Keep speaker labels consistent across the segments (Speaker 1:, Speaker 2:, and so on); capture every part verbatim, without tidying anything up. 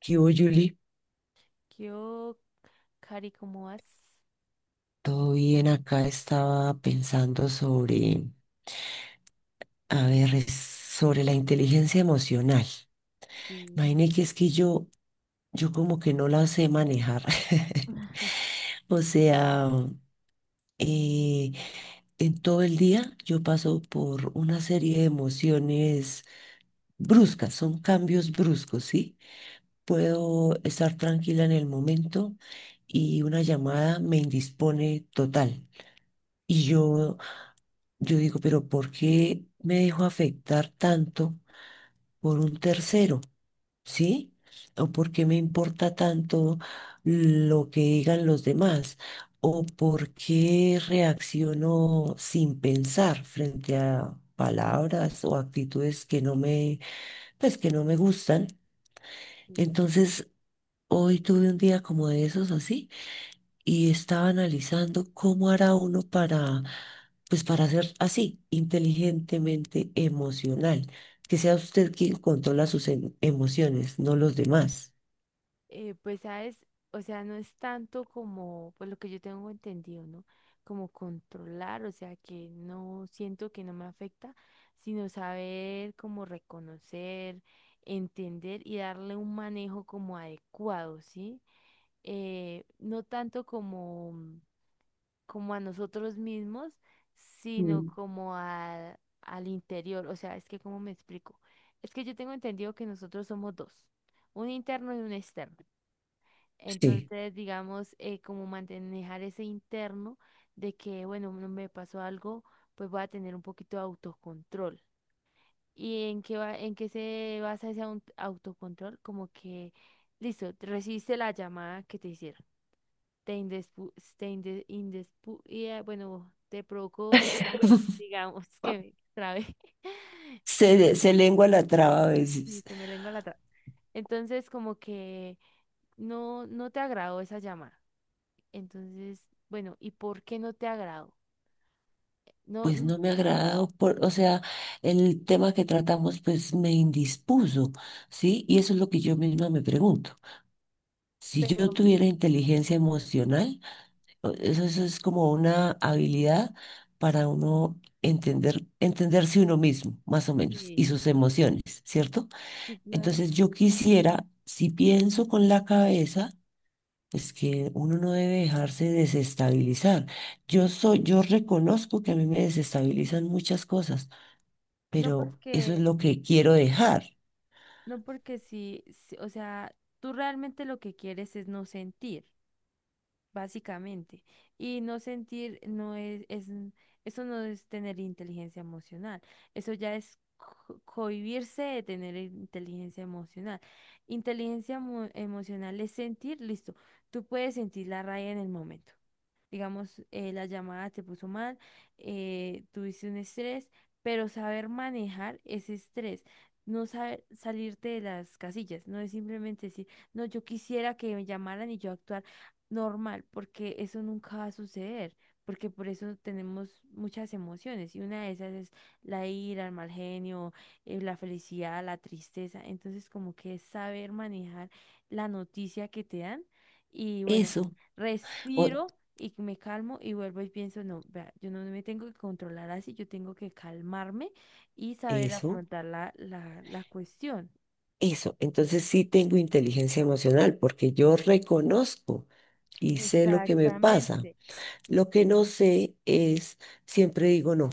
Speaker 1: ¿Qué hubo, Julie?
Speaker 2: Yo, Cari, ¿cómo vas?
Speaker 1: Todo bien, acá estaba pensando sobre, a ver, es sobre la inteligencia emocional.
Speaker 2: Sí,
Speaker 1: Imagine que es que yo, yo como que no la sé manejar. O sea, eh, en todo el día yo paso por una serie de emociones bruscas, son cambios bruscos, ¿sí? Puedo estar tranquila en el momento y una llamada me indispone total. Y yo Yo digo, pero ¿por qué me dejo afectar tanto por un tercero? ¿Sí? ¿O por qué me importa tanto lo que digan los demás? ¿O por qué reacciono sin pensar frente a palabras o actitudes que no me, pues que no me gustan?
Speaker 2: sí,
Speaker 1: Entonces, hoy tuve un día como de esos así y estaba analizando cómo hará uno para, pues para ser así, inteligentemente emocional, que sea usted quien controla sus em- emociones, no los demás.
Speaker 2: Eh, pues sabes, o sea, no es tanto como, pues lo que yo tengo entendido, ¿no? Como controlar, o sea, que no siento que no me afecta, sino saber como reconocer, entender y darle un manejo como adecuado, ¿sí? Eh, no tanto como como a nosotros mismos, sino
Speaker 1: Mm.
Speaker 2: como a- al interior. O sea, es que, ¿cómo me explico? Es que yo tengo entendido que nosotros somos dos, un interno y un externo.
Speaker 1: Sí.
Speaker 2: Entonces, digamos, eh, como manejar ese interno de que, bueno, no me pasó algo, pues voy a tener un poquito de autocontrol. ¿Y en qué va, en qué se basa ese aut- autocontrol? Como que, listo, recibiste la llamada que te hicieron te indespu- te inde- indespu- y, eh, bueno, te provocó estrés, digamos que me trabé.
Speaker 1: Se, de- se lengua la traba a
Speaker 2: Sí,
Speaker 1: veces.
Speaker 2: se me lengua la traba. Entonces, como que no, no te agradó esa llamada. Entonces, bueno, ¿y por qué no te agradó? No,
Speaker 1: Pues
Speaker 2: no,
Speaker 1: no me agradado por, o sea, el tema que tratamos pues me indispuso, ¿sí? Y eso es lo que yo misma me pregunto. Si yo
Speaker 2: pero
Speaker 1: tuviera inteligencia emocional, Eso, eso es como una habilidad para uno entender, entenderse uno mismo, más o menos,
Speaker 2: sí,
Speaker 1: y sus emociones, ¿cierto?
Speaker 2: sí, claro.
Speaker 1: Entonces yo quisiera, si pienso con la cabeza, es que uno no debe dejarse desestabilizar. Yo soy, yo reconozco que a mí me desestabilizan muchas cosas,
Speaker 2: No
Speaker 1: pero eso es
Speaker 2: porque,
Speaker 1: lo que quiero dejar.
Speaker 2: no porque sí, sí, o sea, tú realmente lo que quieres es no sentir. Básicamente. Y no sentir no es, es, eso no es tener inteligencia emocional. Eso ya es co- cohibirse de tener inteligencia emocional. Inteligencia emo- emocional es sentir, listo. Tú puedes sentir la raya en el momento digamos, eh, la llamada te puso mal, eh, tuviste un estrés, pero saber manejar ese estrés, no saber salirte de las casillas, no es simplemente decir, no, yo quisiera que me llamaran y yo actuar normal, porque eso nunca va a suceder. Porque por eso tenemos muchas emociones y una de esas es la ira, el mal genio, eh, la felicidad, la tristeza. Entonces como que es saber manejar la noticia que te dan y bueno,
Speaker 1: Eso, o
Speaker 2: respiro y me calmo y vuelvo y pienso, no, vea, yo no me tengo que controlar así, yo tengo que calmarme y saber
Speaker 1: eso,
Speaker 2: afrontar la, la, la cuestión.
Speaker 1: eso. Entonces sí tengo inteligencia emocional porque yo reconozco y sé lo que me pasa.
Speaker 2: Exactamente.
Speaker 1: Lo que no sé es, siempre digo no.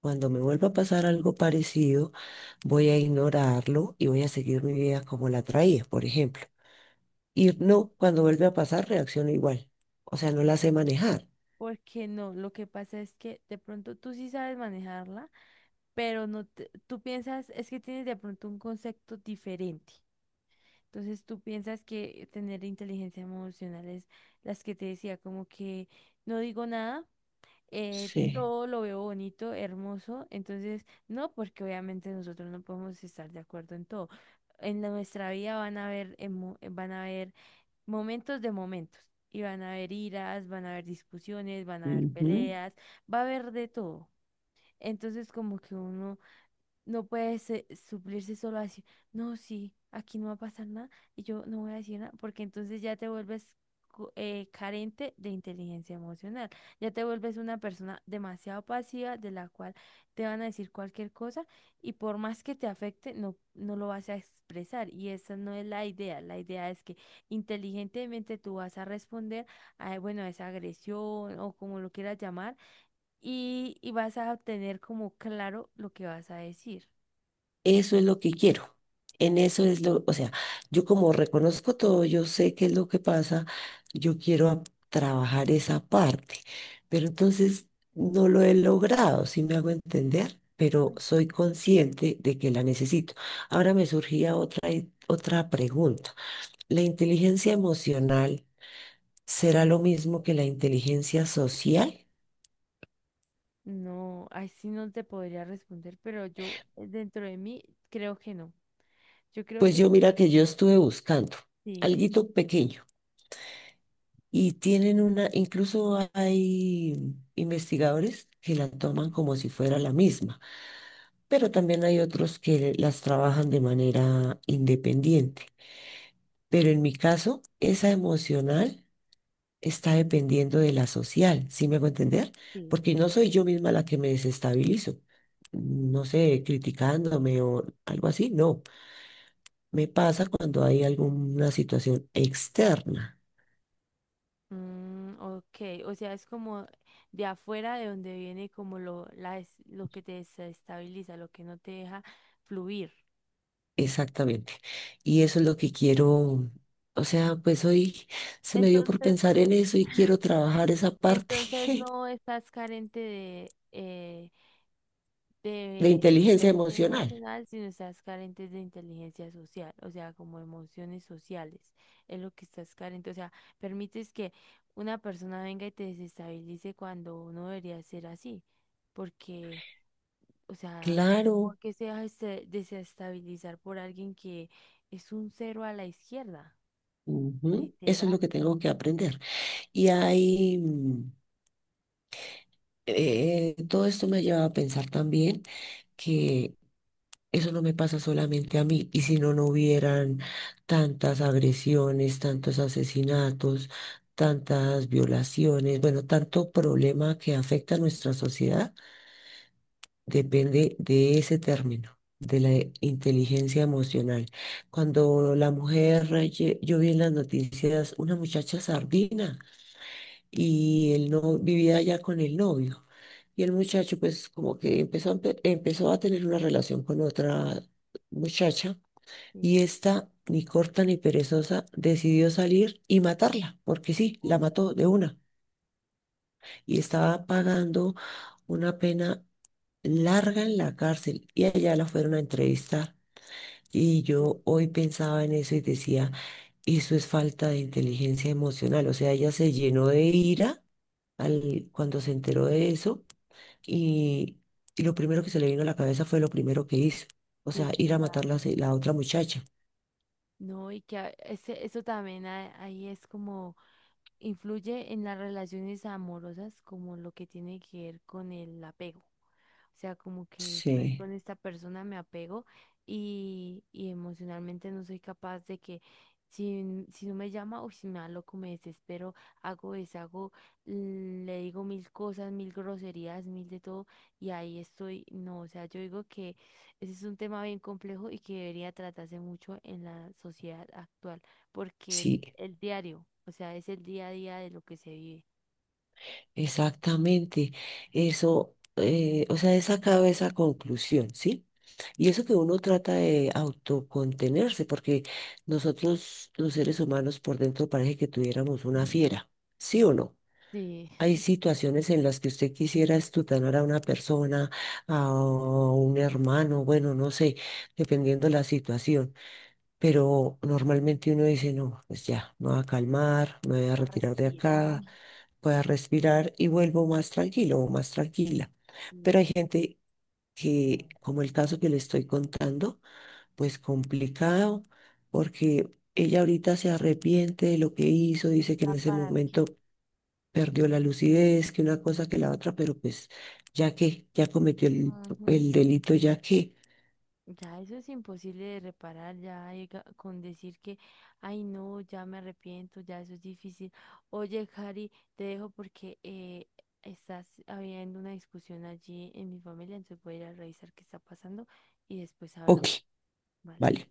Speaker 1: Cuando me vuelva a pasar algo parecido, voy a ignorarlo y voy a seguir mi vida como la traía, por ejemplo. Y no, cuando vuelve a pasar, reacciono igual. O sea, no la sé manejar.
Speaker 2: Porque no, lo que pasa es que de pronto tú sí sabes manejarla, pero no te- tú piensas, es que tienes de pronto un concepto diferente. Entonces tú piensas que tener inteligencia emocional es las que te decía, como que no digo nada eh,
Speaker 1: Sí.
Speaker 2: todo lo veo bonito, hermoso. Entonces, no, porque obviamente nosotros no podemos estar de acuerdo en todo. En la- nuestra vida van a haber, emo- van a haber momentos de momentos. Y van a haber iras, van a haber discusiones, van a haber
Speaker 1: Ujú.
Speaker 2: peleas, va a haber de todo. Entonces, como que uno no puede se- suplirse solo así. No, sí, aquí no va a pasar nada y yo no voy a decir nada, porque entonces ya te vuelves co- eh, carente de inteligencia emocional. Ya te vuelves una persona demasiado pasiva de la cual te van a decir cualquier cosa y por más que te afecte, no, no lo vas a expresar. Y esa no es la idea. La idea es que inteligentemente tú vas a responder a, bueno, a esa agresión o como lo quieras llamar y, y vas a tener como claro lo que vas a decir.
Speaker 1: Eso es lo que quiero. En eso es lo, o sea, yo como reconozco todo, yo sé qué es lo que pasa, yo quiero a- trabajar esa parte, pero entonces no lo he logrado, si me hago entender, pero soy consciente de que la necesito. Ahora me surgía otra, i- otra pregunta. ¿La inteligencia emocional será lo mismo que la inteligencia social?
Speaker 2: No, así no te podría responder, pero yo eh, dentro de mí creo que no. Yo creo
Speaker 1: Pues
Speaker 2: que
Speaker 1: yo
Speaker 2: no.
Speaker 1: mira que yo estuve buscando
Speaker 2: Sí.
Speaker 1: alguito pequeño. Y tienen una, incluso hay investigadores que la toman
Speaker 2: Mm,
Speaker 1: como si fuera la misma, pero también hay otros que las trabajan de manera independiente. Pero en mi caso, esa emocional está dependiendo de la social, ¿sí me hago entender?
Speaker 2: sí.
Speaker 1: Porque no soy yo misma la que me desestabilizo, no sé, criticándome o algo así, no. Me pasa cuando hay alguna situación externa.
Speaker 2: Mm, ok, o sea, es como de afuera de donde viene como lo, la, des- lo que te desestabiliza, lo que no te deja fluir.
Speaker 1: Exactamente. Y eso es lo que quiero, o sea, pues hoy se me dio por
Speaker 2: Entonces,
Speaker 1: pensar en eso y quiero trabajar esa parte.
Speaker 2: entonces no estás carente de,
Speaker 1: De
Speaker 2: de
Speaker 1: inteligencia
Speaker 2: inteligencia
Speaker 1: emocional.
Speaker 2: emocional, sino estás carentes de inteligencia social, o sea, como emociones sociales, es lo que estás carente, o sea, permites que una persona venga y te desestabilice cuando no debería ser así, porque, o sea,
Speaker 1: Claro,
Speaker 2: porque se deja este- desestabilizar por alguien que es un cero a la izquierda,
Speaker 1: ujú, eso es
Speaker 2: literal.
Speaker 1: lo que tengo que aprender. Y hay, mm, eh, todo esto me lleva a pensar también que eso no me pasa solamente a mí. Y si no, no hubieran tantas agresiones, tantos asesinatos, tantas violaciones, bueno, tanto problema que afecta a nuestra sociedad, depende de ese término, de la e- inteligencia emocional. Cuando la mujer, lle- yo vi en las noticias una muchacha sardina y él no vivía allá con el novio. Y el muchacho, pues, como que empezó, a empe- empezó a tener una relación con otra muchacha y
Speaker 2: Sí.
Speaker 1: esta, ni corta ni perezosa, decidió salir y matarla, porque sí,
Speaker 2: Uy,
Speaker 1: la mató de una. Y estaba pagando una pena larga en la cárcel y allá la fueron a entrevistar. Y
Speaker 2: sí,
Speaker 1: yo hoy pensaba en eso y decía, eso es falta de inteligencia emocional. O sea, ella se llenó de ira al, cuando se enteró de eso y, y lo primero que se le vino a la cabeza fue lo primero que hizo. O
Speaker 2: sí,
Speaker 1: sea, ir a matar la,
Speaker 2: claro.
Speaker 1: la otra muchacha.
Speaker 2: No, y que a- ese, eso también a- ahí es como influye en las relaciones amorosas como lo que tiene que ver con el apego. O sea, como que estoy
Speaker 1: Sí,
Speaker 2: con esta persona, me apego y, y emocionalmente no soy capaz de que si, si no me llama o si me da loco, me desespero, hago, deshago, mm, le digo mil cosas, mil groserías, mil de todo y ahí estoy. No, o sea, yo digo que ese es un tema bien complejo y que debería tratarse mucho en la sociedad actual porque el,
Speaker 1: sí.
Speaker 2: el diario, o sea, es el día a día de lo que se vive.
Speaker 1: Exactamente, eso, eh, o sea, he sacado esa conclusión, ¿sí? Y eso que uno trata de autocontenerse, porque nosotros los seres humanos por dentro parece que tuviéramos una fiera, ¿sí o no?
Speaker 2: Sí,
Speaker 1: Hay situaciones en las que usted quisiera estutanar a una persona, a un hermano, bueno, no sé, dependiendo la situación, pero normalmente uno dice, no, pues ya, me voy a calmar, me voy a
Speaker 2: a
Speaker 1: retirar de
Speaker 2: respirar
Speaker 1: acá, voy a respirar y vuelvo más tranquilo o más tranquila.
Speaker 2: y,
Speaker 1: Pero hay gente
Speaker 2: ya
Speaker 1: que, como el caso que le estoy contando, pues complicado, porque ella ahorita se arrepiente de lo que hizo,
Speaker 2: y
Speaker 1: dice que
Speaker 2: ya
Speaker 1: en ese
Speaker 2: para
Speaker 1: momento
Speaker 2: qué.
Speaker 1: perdió la lucidez, que una cosa que la otra, pero pues ya que ya cometió el,
Speaker 2: Ujú.
Speaker 1: el delito, ya que,
Speaker 2: Ya eso es imposible de reparar, ya llega- con decir que, ay no, ya me arrepiento, ya eso es difícil. Oye, Cari, te dejo porque eh, estás habiendo una discusión allí en mi familia, entonces voy a ir a revisar qué está pasando y después
Speaker 1: ok,
Speaker 2: hablamos, ¿vale?
Speaker 1: vale.